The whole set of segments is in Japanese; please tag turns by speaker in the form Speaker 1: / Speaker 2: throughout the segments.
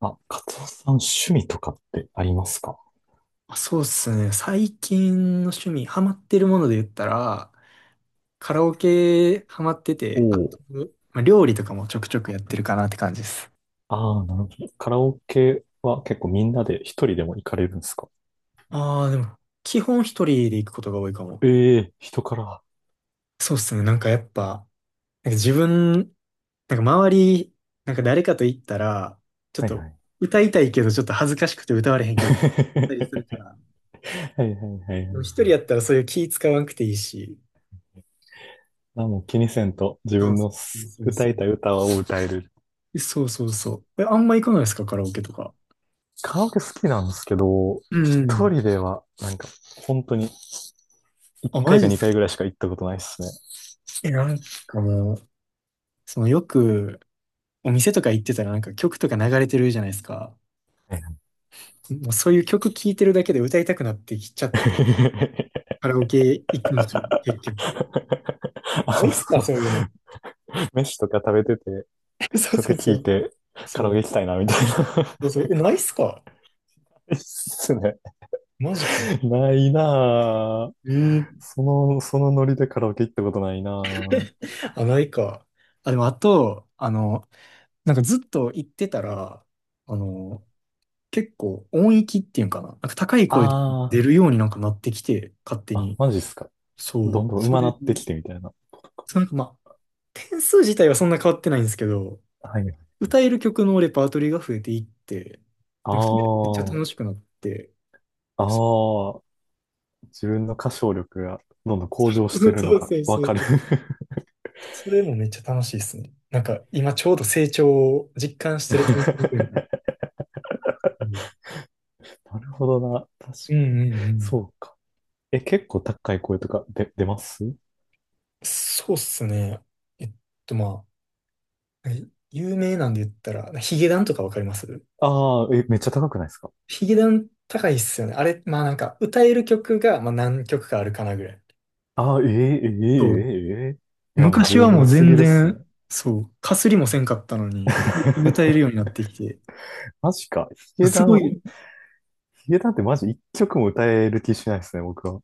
Speaker 1: あ、カツオさん、趣味とかってありますか？
Speaker 2: そうですね。最近の趣味、ハマってるもので言ったら、カラオケハマって
Speaker 1: お
Speaker 2: て、あと、
Speaker 1: おー。
Speaker 2: 料理とかもちょくちょくやってるかなって感じです。
Speaker 1: ああ、なるほど。カラオケは結構みんなで一人でも行かれるんですか？
Speaker 2: でも、基本一人で行くことが多いかも。
Speaker 1: ええー、人から。は
Speaker 2: そうですね。やっぱ、なんか自分、なんか周り、なんか誰かと行ったら、ちょっ
Speaker 1: い
Speaker 2: と
Speaker 1: はい。
Speaker 2: 歌いたいけどちょっと恥ずかしくて歌われへん曲だったりするか ら、
Speaker 1: はいはいはいは
Speaker 2: でも一人
Speaker 1: い。
Speaker 2: やったらそういう気使わんくていいし。
Speaker 1: あ、もう気にせんと自
Speaker 2: そう
Speaker 1: 分
Speaker 2: そ
Speaker 1: の
Speaker 2: うそうそう
Speaker 1: 歌
Speaker 2: そ
Speaker 1: いたい
Speaker 2: う。
Speaker 1: 歌を歌える。
Speaker 2: そうそうそう。え、あんま行かないですか、カラオケとか。
Speaker 1: カラオケ好きなんですけど、
Speaker 2: う
Speaker 1: 一
Speaker 2: ん。
Speaker 1: 人ではなんか本当に一
Speaker 2: あ、マ
Speaker 1: 回
Speaker 2: ジ
Speaker 1: か
Speaker 2: っす
Speaker 1: 二
Speaker 2: か？
Speaker 1: 回ぐらいしか行ったことないですね。
Speaker 2: え、なんかもう、そのよくお店とか行ってたらなんか曲とか流れてるじゃないですか。
Speaker 1: はいは
Speaker 2: もうそういう曲聴いてるだけで歌いたくなってきちゃっ
Speaker 1: い。
Speaker 2: て、カラオケ行くんですよ、結局。ない
Speaker 1: あ、
Speaker 2: っすか、そういうの。
Speaker 1: 飯とか食べてて
Speaker 2: そうそ
Speaker 1: 曲
Speaker 2: う
Speaker 1: 聴
Speaker 2: そ
Speaker 1: い
Speaker 2: う。
Speaker 1: てカラオ
Speaker 2: そ
Speaker 1: ケ
Speaker 2: う。
Speaker 1: 行きたいなみたいな。
Speaker 2: そうそう。え、ないっすか？
Speaker 1: いいっすね。
Speaker 2: マジか。
Speaker 1: ないなぁ。
Speaker 2: え、
Speaker 1: そのノリでカラオケ行ったことないなぁ。
Speaker 2: あ、ないか。あ、でもあと、あの、なんかずっと行ってたら、あの、結構音域っていうんかな。なんか高い声
Speaker 1: あ
Speaker 2: 出るようになんかなってきて、勝手
Speaker 1: あ、あ、
Speaker 2: に。
Speaker 1: マジっすか。
Speaker 2: そ
Speaker 1: どん
Speaker 2: う。
Speaker 1: どん
Speaker 2: そ
Speaker 1: 上手な
Speaker 2: れ、
Speaker 1: ってきてみたいなことか。
Speaker 2: そうなんかまあ、点数自体はそんな変わってないんですけど、
Speaker 1: はい。
Speaker 2: 歌える曲のレパートリーが増えていって、なんかそれがめっち
Speaker 1: あ
Speaker 2: ゃ楽しくなって、
Speaker 1: あ、
Speaker 2: そ
Speaker 1: ああ、自分の歌唱力がどんどん
Speaker 2: そ
Speaker 1: 向上して
Speaker 2: う
Speaker 1: るの
Speaker 2: そう
Speaker 1: が
Speaker 2: そう
Speaker 1: わ
Speaker 2: そう。
Speaker 1: かる。
Speaker 2: それもめっちゃ楽しいですね。なんか今ちょうど成長を実感してるタイミングが、 うん
Speaker 1: なるほどな。確
Speaker 2: うん
Speaker 1: かに。
Speaker 2: う
Speaker 1: そ
Speaker 2: ん。
Speaker 1: うか。え、結構高い声とか出ます
Speaker 2: そうっすね。えっとま有名なんで言ったら、ヒゲダンとかわかります？
Speaker 1: ああー、え、めっちゃ高くないですか？
Speaker 2: ヒゲダン高いっすよね。あれ、まあなんか歌える曲が、まあ、何曲かあるかなぐらい。
Speaker 1: ああー、えええ
Speaker 2: そう、
Speaker 1: えええ、いや、もう
Speaker 2: 昔
Speaker 1: 十
Speaker 2: はもう
Speaker 1: 分す
Speaker 2: 全
Speaker 1: ぎるっすね。
Speaker 2: 然、そう、かすりもせんかったのに、歌える ようになってきて、
Speaker 1: マジか。ヒゲ
Speaker 2: す
Speaker 1: ダン、
Speaker 2: ごい、
Speaker 1: ヒゲダンってマジ一曲も歌える気しないですね、僕は。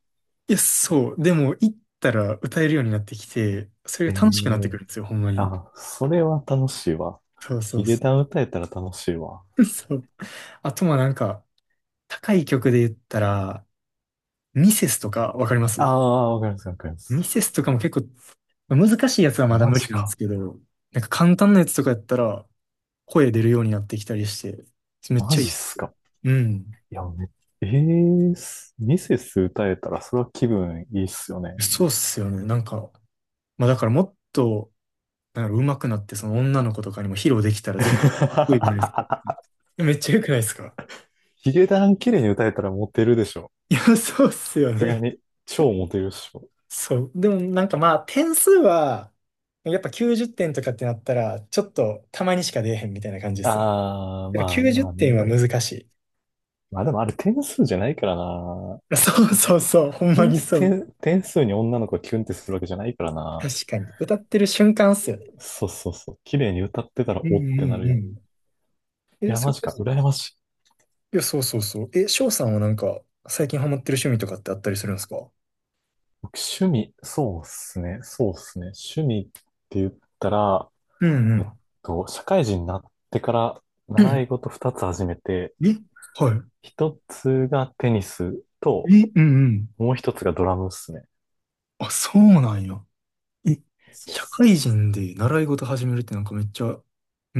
Speaker 2: や、そう、でも行ったら歌えるようになってきて、それ
Speaker 1: え
Speaker 2: が楽しくなってく
Speaker 1: え、
Speaker 2: るんですよ、ほんまに。
Speaker 1: あ、それは楽しいわ。
Speaker 2: そうそ
Speaker 1: ヒ
Speaker 2: う
Speaker 1: ゲ
Speaker 2: そ
Speaker 1: ダン歌えたら楽しいわ。
Speaker 2: う。そう。あとまあなんか、高い曲で言ったら、ミセスとかわかります？
Speaker 1: ああ、わかります、わかりま
Speaker 2: ミ
Speaker 1: す。
Speaker 2: セスとかも結構、難しいやつはまだ
Speaker 1: マ
Speaker 2: 無理
Speaker 1: ジ
Speaker 2: なんです
Speaker 1: か。
Speaker 2: けど、なんか簡単なやつとかやったら、声出るようになってきたりして、めっ
Speaker 1: マ
Speaker 2: ちゃい
Speaker 1: ジっ
Speaker 2: い。
Speaker 1: すか。
Speaker 2: うん。
Speaker 1: いや、ええ、ミセス歌えたらそれは気分いいっすよね。
Speaker 2: そうっすよね。なんか、まあだからもっと、なんか上手くなって、その女の子とかにも披露できたら絶対かっこいいじゃないですか。い やめっちゃ良くないですか？
Speaker 1: ヒゲダン綺麗に歌えたらモテるでしょ。
Speaker 2: いや、そうっす
Speaker 1: さ
Speaker 2: よ
Speaker 1: すが
Speaker 2: ね。
Speaker 1: に、超モテるでしょ。
Speaker 2: そう。でもなんかまあ、点数は、やっぱ90点とかってなったら、ちょっとたまにしか出えへんみたいな感じですね。
Speaker 1: ああ、
Speaker 2: だから
Speaker 1: まあ
Speaker 2: 90
Speaker 1: まあ
Speaker 2: 点は
Speaker 1: ね。
Speaker 2: 難しい。
Speaker 1: まあでもあれ点数じゃないからな。
Speaker 2: そうそうそう、ほんま
Speaker 1: 点
Speaker 2: に
Speaker 1: 数、
Speaker 2: そう。
Speaker 1: 点、点数に女の子がキュンってするわけじゃないからな。
Speaker 2: 確かに。歌ってる瞬間っすよね。
Speaker 1: そうそうそう。綺麗に歌ってたら
Speaker 2: うん
Speaker 1: おっ
Speaker 2: う
Speaker 1: てなる
Speaker 2: んう
Speaker 1: よ。
Speaker 2: ん。
Speaker 1: い
Speaker 2: え、
Speaker 1: や、
Speaker 2: そ
Speaker 1: マ
Speaker 2: れ
Speaker 1: ジ
Speaker 2: こ
Speaker 1: か。
Speaker 2: そ、
Speaker 1: 羨ましい。
Speaker 2: いや、そうそうそう。え、翔さんはなんか、最近ハマってる趣味とかってあったりするんですか？
Speaker 1: 僕、趣味、そうっすね。そうっすね。趣味って言ったら、
Speaker 2: うんう
Speaker 1: えっ
Speaker 2: ん。
Speaker 1: 社会人になってから
Speaker 2: う
Speaker 1: 習
Speaker 2: ん、
Speaker 1: い事二つ始めて、
Speaker 2: え、はい。
Speaker 1: 一つがテニスと、
Speaker 2: え、うんうん。
Speaker 1: もう一つがドラムっすね。
Speaker 2: あ、そうなんや。え、
Speaker 1: そうっ
Speaker 2: 社
Speaker 1: す。
Speaker 2: 会人で習い事始めるってなんかめっちゃ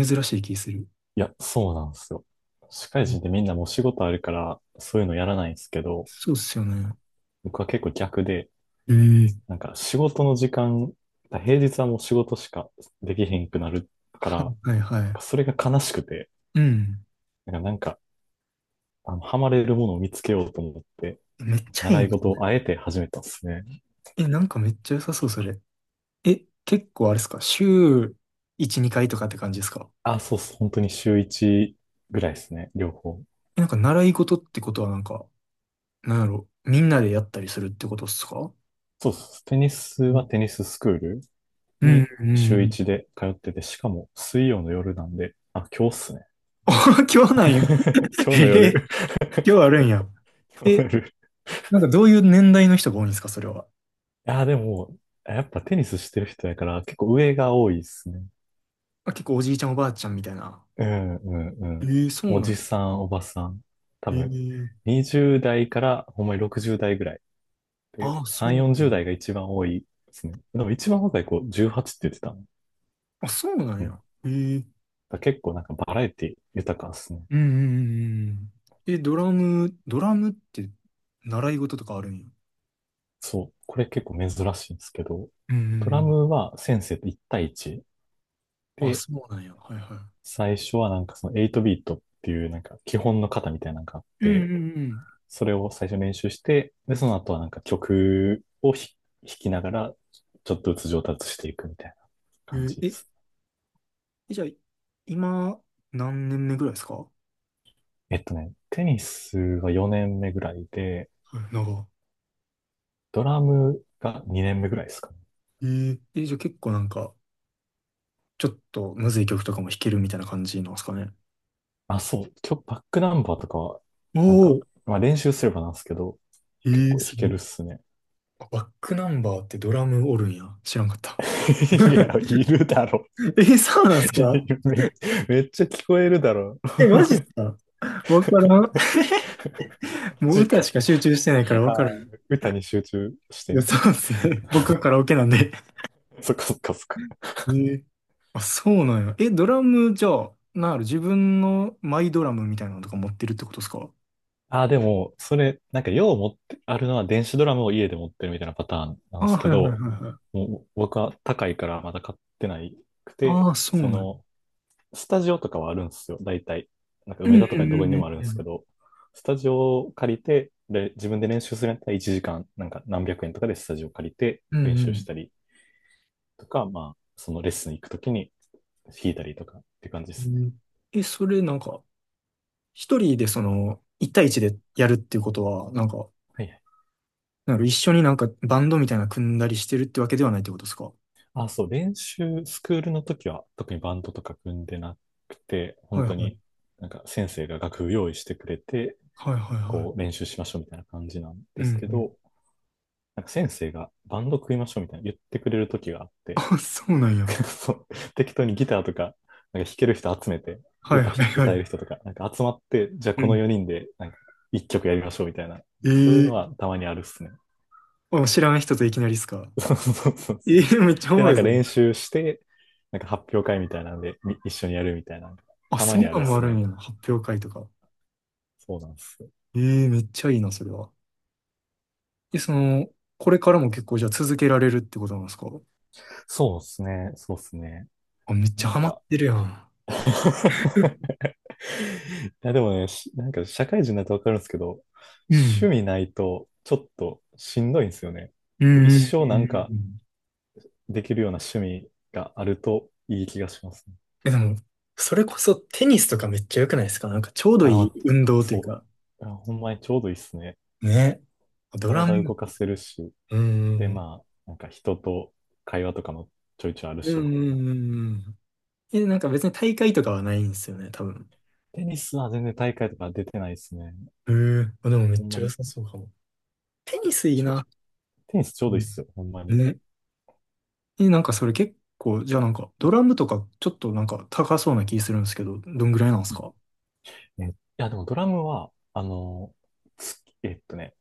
Speaker 2: 珍しい気する。
Speaker 1: いや、そうなんですよ。社会人って
Speaker 2: え、
Speaker 1: みんなもう仕事あるから、そういうのやらないんですけど、
Speaker 2: そうっすよね。
Speaker 1: 僕は結構逆で、
Speaker 2: ええ、
Speaker 1: なんか仕事の時間、平日はもう仕事しかできへんくなるから、
Speaker 2: はい
Speaker 1: なん
Speaker 2: はいは
Speaker 1: か
Speaker 2: い。
Speaker 1: それが悲しくて、
Speaker 2: うん。
Speaker 1: なんかハマれるものを見つけようと思って、
Speaker 2: めっちゃい
Speaker 1: 習
Speaker 2: い
Speaker 1: い
Speaker 2: な、そ
Speaker 1: 事
Speaker 2: れ。
Speaker 1: をあえて始めたんですね。
Speaker 2: え、なんかめっちゃ良さそう、それ。え、結構あれっすか、週1、2回とかって感じですか？
Speaker 1: あ、そうっす。本当に週1ぐらいですね。両方。
Speaker 2: え、なんか習い事ってことはなんか、なんやろ、みんなでやったりするってことっすか？
Speaker 1: そうっす。テニス
Speaker 2: う
Speaker 1: は
Speaker 2: ん
Speaker 1: テニススクール
Speaker 2: うん
Speaker 1: に
Speaker 2: う
Speaker 1: 週
Speaker 2: ん。
Speaker 1: 1で通ってて、しかも水曜の夜なんで、あ、今日っすね。
Speaker 2: 今日なんや。
Speaker 1: 今日
Speaker 2: え
Speaker 1: の
Speaker 2: え、
Speaker 1: 夜。
Speaker 2: 今日あるんや。
Speaker 1: 今日
Speaker 2: え、
Speaker 1: の夜。
Speaker 2: なんかどういう年代の人が多いんですか、それは。
Speaker 1: あ、でも、やっぱテニスしてる人やから結構上が多いっすね。
Speaker 2: あ、結構おじいちゃんおばあちゃんみたいな。
Speaker 1: うんうんうん。
Speaker 2: ええ、そう
Speaker 1: お
Speaker 2: なん
Speaker 1: じ
Speaker 2: や。
Speaker 1: さん、おばさん。多分、
Speaker 2: ええ、
Speaker 1: 20代からほんまに60代ぐらい。で、
Speaker 2: ああ、そう
Speaker 1: 3、
Speaker 2: なん
Speaker 1: 40
Speaker 2: や。
Speaker 1: 代が一番多いですね。でも一番若い子18って言ってたの。
Speaker 2: あ、そうなん
Speaker 1: うん。だか
Speaker 2: や。ええ、
Speaker 1: ら結構なんかバラエティ豊かですね。
Speaker 2: うんうんうんうん。え、ドラムって習い事とかあるんや。
Speaker 1: そう。これ結構珍しいんですけど、
Speaker 2: うんう
Speaker 1: ド
Speaker 2: んう
Speaker 1: ラ
Speaker 2: ん。
Speaker 1: ムは先生と1対1。
Speaker 2: あ、
Speaker 1: で、
Speaker 2: そうなんや。はいは
Speaker 1: 最初はなんかその8ビートっていうなんか基本の型みたいなのがあっ
Speaker 2: い。うん
Speaker 1: て、
Speaker 2: うん
Speaker 1: それを最初練習して、で、その後はなんか曲を弾きながら、ちょっとずつ上達していくみたいな感
Speaker 2: う
Speaker 1: じ
Speaker 2: ん。え
Speaker 1: で
Speaker 2: ー、
Speaker 1: す。
Speaker 2: え、じゃあ、今、何年目ぐらいですか？は
Speaker 1: テニスは4年目ぐらいで、
Speaker 2: い、長。
Speaker 1: ドラムが2年目ぐらいですかね。
Speaker 2: えー、え、じゃあ結構なんか、ちょっとむずい曲とかも弾けるみたいな感じなんですかね。
Speaker 1: あ、そう、今日バックナンバーとかは、
Speaker 2: お、
Speaker 1: なん
Speaker 2: お、
Speaker 1: か、まあ練習すればなんですけど、
Speaker 2: え
Speaker 1: 結
Speaker 2: ー、
Speaker 1: 構弾
Speaker 2: す
Speaker 1: け
Speaker 2: ごい。
Speaker 1: るっすね。
Speaker 2: あ、バックナンバーってドラムおるんや。知らんかった。
Speaker 1: いや、い るだろ。
Speaker 2: え、そうなんすか？
Speaker 1: め。めっちゃ聞こえるだろ。
Speaker 2: え、マジっすか？わからん。
Speaker 1: マ
Speaker 2: もう
Speaker 1: ジ
Speaker 2: 歌
Speaker 1: か。
Speaker 2: しか集中してないから
Speaker 1: あ
Speaker 2: わか
Speaker 1: あ、
Speaker 2: らん。い
Speaker 1: 歌に集中して。
Speaker 2: や、そうですね。僕はカラオケなんで。
Speaker 1: そっかそっかそっか。
Speaker 2: ええ、あ、そうなんや。え、ドラムじゃあ、なんやろ、自分のマイドラムみたいなのとか持ってるってことですか？
Speaker 1: ああ、でも、それ、なんか、よう持って、あるのは電子ドラムを家で持ってるみたいなパターンな
Speaker 2: あ、
Speaker 1: んです
Speaker 2: は
Speaker 1: け
Speaker 2: いはいはい
Speaker 1: ど、
Speaker 2: はい。
Speaker 1: もう僕は高いからまだ買ってないくて、
Speaker 2: ああ、そう
Speaker 1: そ
Speaker 2: なんや。
Speaker 1: の、スタジオとかはあるんですよ、大体。なんか、
Speaker 2: うん
Speaker 1: 梅
Speaker 2: う
Speaker 1: 田とかどこに
Speaker 2: ん
Speaker 1: でもあるん
Speaker 2: う
Speaker 1: です
Speaker 2: ん
Speaker 1: けど、スタジオを借りて、で、自分で練習するんやったら1時間、なんか何百円とかでスタジオ借りて
Speaker 2: うんうん。
Speaker 1: 練
Speaker 2: うんう
Speaker 1: 習し
Speaker 2: ん。
Speaker 1: たりとか、まあ、そのレッスン行くときに弾いたりとかって感じで
Speaker 2: う
Speaker 1: すね。
Speaker 2: ん、え、それなんか、一人でその、一対一でやるっていうことは、なんか、
Speaker 1: はいはい、
Speaker 2: なる一緒になんかバンドみたいなの組んだりしてるってわけではないってことですか？は
Speaker 1: あ、そう、スクールの時は特にバンドとか組んでなくて、
Speaker 2: い
Speaker 1: 本
Speaker 2: は
Speaker 1: 当に
Speaker 2: い。
Speaker 1: なんか先生が楽譜用意してくれて、
Speaker 2: はいはいは
Speaker 1: こう練習しましょうみたいな感じなん
Speaker 2: い。
Speaker 1: で
Speaker 2: うんう
Speaker 1: すけ
Speaker 2: ん。
Speaker 1: ど、なんか先生がバンド組みましょうみたいな言ってくれる時があって、
Speaker 2: あ、そうなんや。
Speaker 1: そう適当にギターとか、なんか弾ける人集めて、
Speaker 2: はいはいは
Speaker 1: 歌える
Speaker 2: い。
Speaker 1: 人とか、なんか集まって、じゃあ
Speaker 2: う
Speaker 1: この
Speaker 2: ん。
Speaker 1: 4人でなんか1曲やりましょうみたいな、そういうの
Speaker 2: ええ、
Speaker 1: はたまにあるっすね。
Speaker 2: あ、知らん人といきなりっすか？
Speaker 1: そうそうそうそ
Speaker 2: え
Speaker 1: う
Speaker 2: え、
Speaker 1: そう。
Speaker 2: めっちゃお
Speaker 1: で、
Speaker 2: も
Speaker 1: な
Speaker 2: ろ
Speaker 1: ん
Speaker 2: い
Speaker 1: か
Speaker 2: それ。
Speaker 1: 練習して、なんか発表会みたいなんで、一緒にやるみたいなのが、
Speaker 2: あ、
Speaker 1: たま
Speaker 2: そん
Speaker 1: に
Speaker 2: な
Speaker 1: あるっ
Speaker 2: んもあ
Speaker 1: す
Speaker 2: るん
Speaker 1: ね。
Speaker 2: やな。発表会とか。
Speaker 1: そうなんです。
Speaker 2: ええ、めっちゃいいな、それは。え、その、これからも結構じゃあ続けられるってことなんですか？
Speaker 1: そうですね。そうですね。
Speaker 2: あ、めっちゃ
Speaker 1: なん
Speaker 2: ハマっ
Speaker 1: か。
Speaker 2: てるやん。
Speaker 1: いや、でもね、なんか社会人になってわかるんですけど、
Speaker 2: う
Speaker 1: 趣
Speaker 2: ん。
Speaker 1: 味ないとちょっとしんどいんですよね。
Speaker 2: うん
Speaker 1: 一
Speaker 2: うんう
Speaker 1: 生なん
Speaker 2: ん
Speaker 1: か
Speaker 2: うん、
Speaker 1: できるような趣味があるといい気がしますね。
Speaker 2: え、でも、それこそテニスとかめっちゃ良くないですか、なんかちょうど
Speaker 1: あ、
Speaker 2: いい
Speaker 1: ま
Speaker 2: 運
Speaker 1: あ
Speaker 2: 動という
Speaker 1: そ
Speaker 2: か。
Speaker 1: う。あ、ほんまにちょうどいいっすね。
Speaker 2: ね。ドラ
Speaker 1: 体
Speaker 2: ム、
Speaker 1: 動かせるし、
Speaker 2: う
Speaker 1: で、
Speaker 2: ん、
Speaker 1: まあ、なんか人と会話とかもちょいちょいある
Speaker 2: うん、
Speaker 1: し、みたい
Speaker 2: う
Speaker 1: な。
Speaker 2: ん、うん。うん、え、なんか別に大会とかはないんですよね、多分。
Speaker 1: テニスは全然大会とか出てないですね。
Speaker 2: へえ、あ、でもめ
Speaker 1: ほ
Speaker 2: っ
Speaker 1: ん
Speaker 2: ちゃ
Speaker 1: ま
Speaker 2: 良
Speaker 1: に。
Speaker 2: さそうかも。テニスいい
Speaker 1: ちょ、
Speaker 2: な。
Speaker 1: テニスちょう
Speaker 2: う
Speaker 1: どいいっ
Speaker 2: ん。
Speaker 1: すよ、ほんまに。
Speaker 2: ね。え、なんかそれ結構、じゃあなんか、ドラムとかちょっとなんか高そうな気するんですけど、どんぐらいなんです
Speaker 1: うん、
Speaker 2: か？
Speaker 1: いや、でもドラムは、月、えっとね、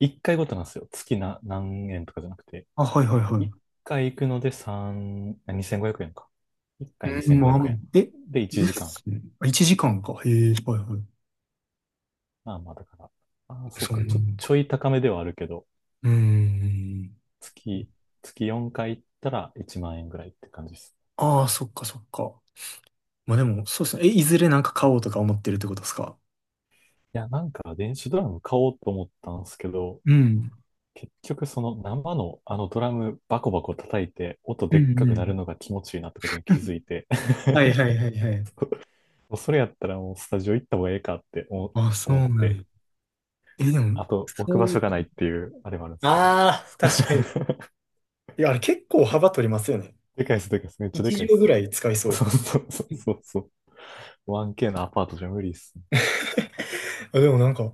Speaker 1: 1回ごとなんですよ。月な何円とかじゃなくて、
Speaker 2: あ、はいはいは
Speaker 1: 1
Speaker 2: い。
Speaker 1: 回行くので3、あ2500円か。1回
Speaker 2: うん、
Speaker 1: 2500
Speaker 2: まあ、
Speaker 1: 円。
Speaker 2: え、
Speaker 1: で、1
Speaker 2: で
Speaker 1: 時間。
Speaker 2: すね。1時間かんか。へえ、はいはい。
Speaker 1: まあまあ、だから。ああ、そう
Speaker 2: そんな
Speaker 1: か。
Speaker 2: も
Speaker 1: ちょ、
Speaker 2: ん
Speaker 1: ちょ
Speaker 2: か。
Speaker 1: い高めではあるけど、
Speaker 2: うん。
Speaker 1: 月、月4回行ったら1万円ぐらいって感じです。
Speaker 2: ああ、そっかそっか。まあでも、そうですね。え、いずれなんか買おうとか思ってるってことですか？
Speaker 1: いや、なんか電子ドラム買おうと思ったんですけど、
Speaker 2: うん。
Speaker 1: 結局その生のあのドラムバコバコ叩いて音
Speaker 2: う
Speaker 1: でっ
Speaker 2: ん
Speaker 1: か
Speaker 2: う
Speaker 1: くな
Speaker 2: ん。
Speaker 1: るのが気持ちいいなってことに気づいて。
Speaker 2: はいはい はいはい。
Speaker 1: もうそれやったらもうスタジオ行った方がええかって思
Speaker 2: あ、そ
Speaker 1: 思っ
Speaker 2: うなんや。
Speaker 1: て、
Speaker 2: え、でも、
Speaker 1: あと置く場
Speaker 2: そ
Speaker 1: 所がな
Speaker 2: う、
Speaker 1: いっていうあれもあるんですけど。
Speaker 2: ああ、確かに。いや、あれ結構幅取りますよね。
Speaker 1: でかいっす、でかいっす。めっちゃでかい
Speaker 2: 1
Speaker 1: っ
Speaker 2: 畳ぐ
Speaker 1: すよ。
Speaker 2: らい使い
Speaker 1: そ
Speaker 2: そ
Speaker 1: うそうそう
Speaker 2: う。
Speaker 1: そうそう。1K のアパートじゃ無理っすね。
Speaker 2: あ、でもなんか、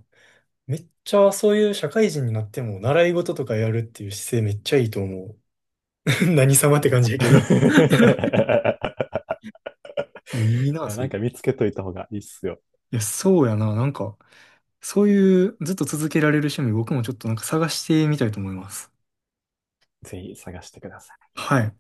Speaker 2: めっちゃそういう社会人になっても習い事とかやるっていう姿勢めっちゃいいと思う。何様っ
Speaker 1: い
Speaker 2: て感
Speaker 1: や。
Speaker 2: じやけ ど。
Speaker 1: い
Speaker 2: いいな、
Speaker 1: や
Speaker 2: そ
Speaker 1: な
Speaker 2: れ。
Speaker 1: ん
Speaker 2: い
Speaker 1: か見つけといた方がいいっすよ。
Speaker 2: や、そうやな。なんか、そういうずっと続けられる趣味、僕もちょっとなんか探してみたいと思います。
Speaker 1: ぜひ探してください。
Speaker 2: はい。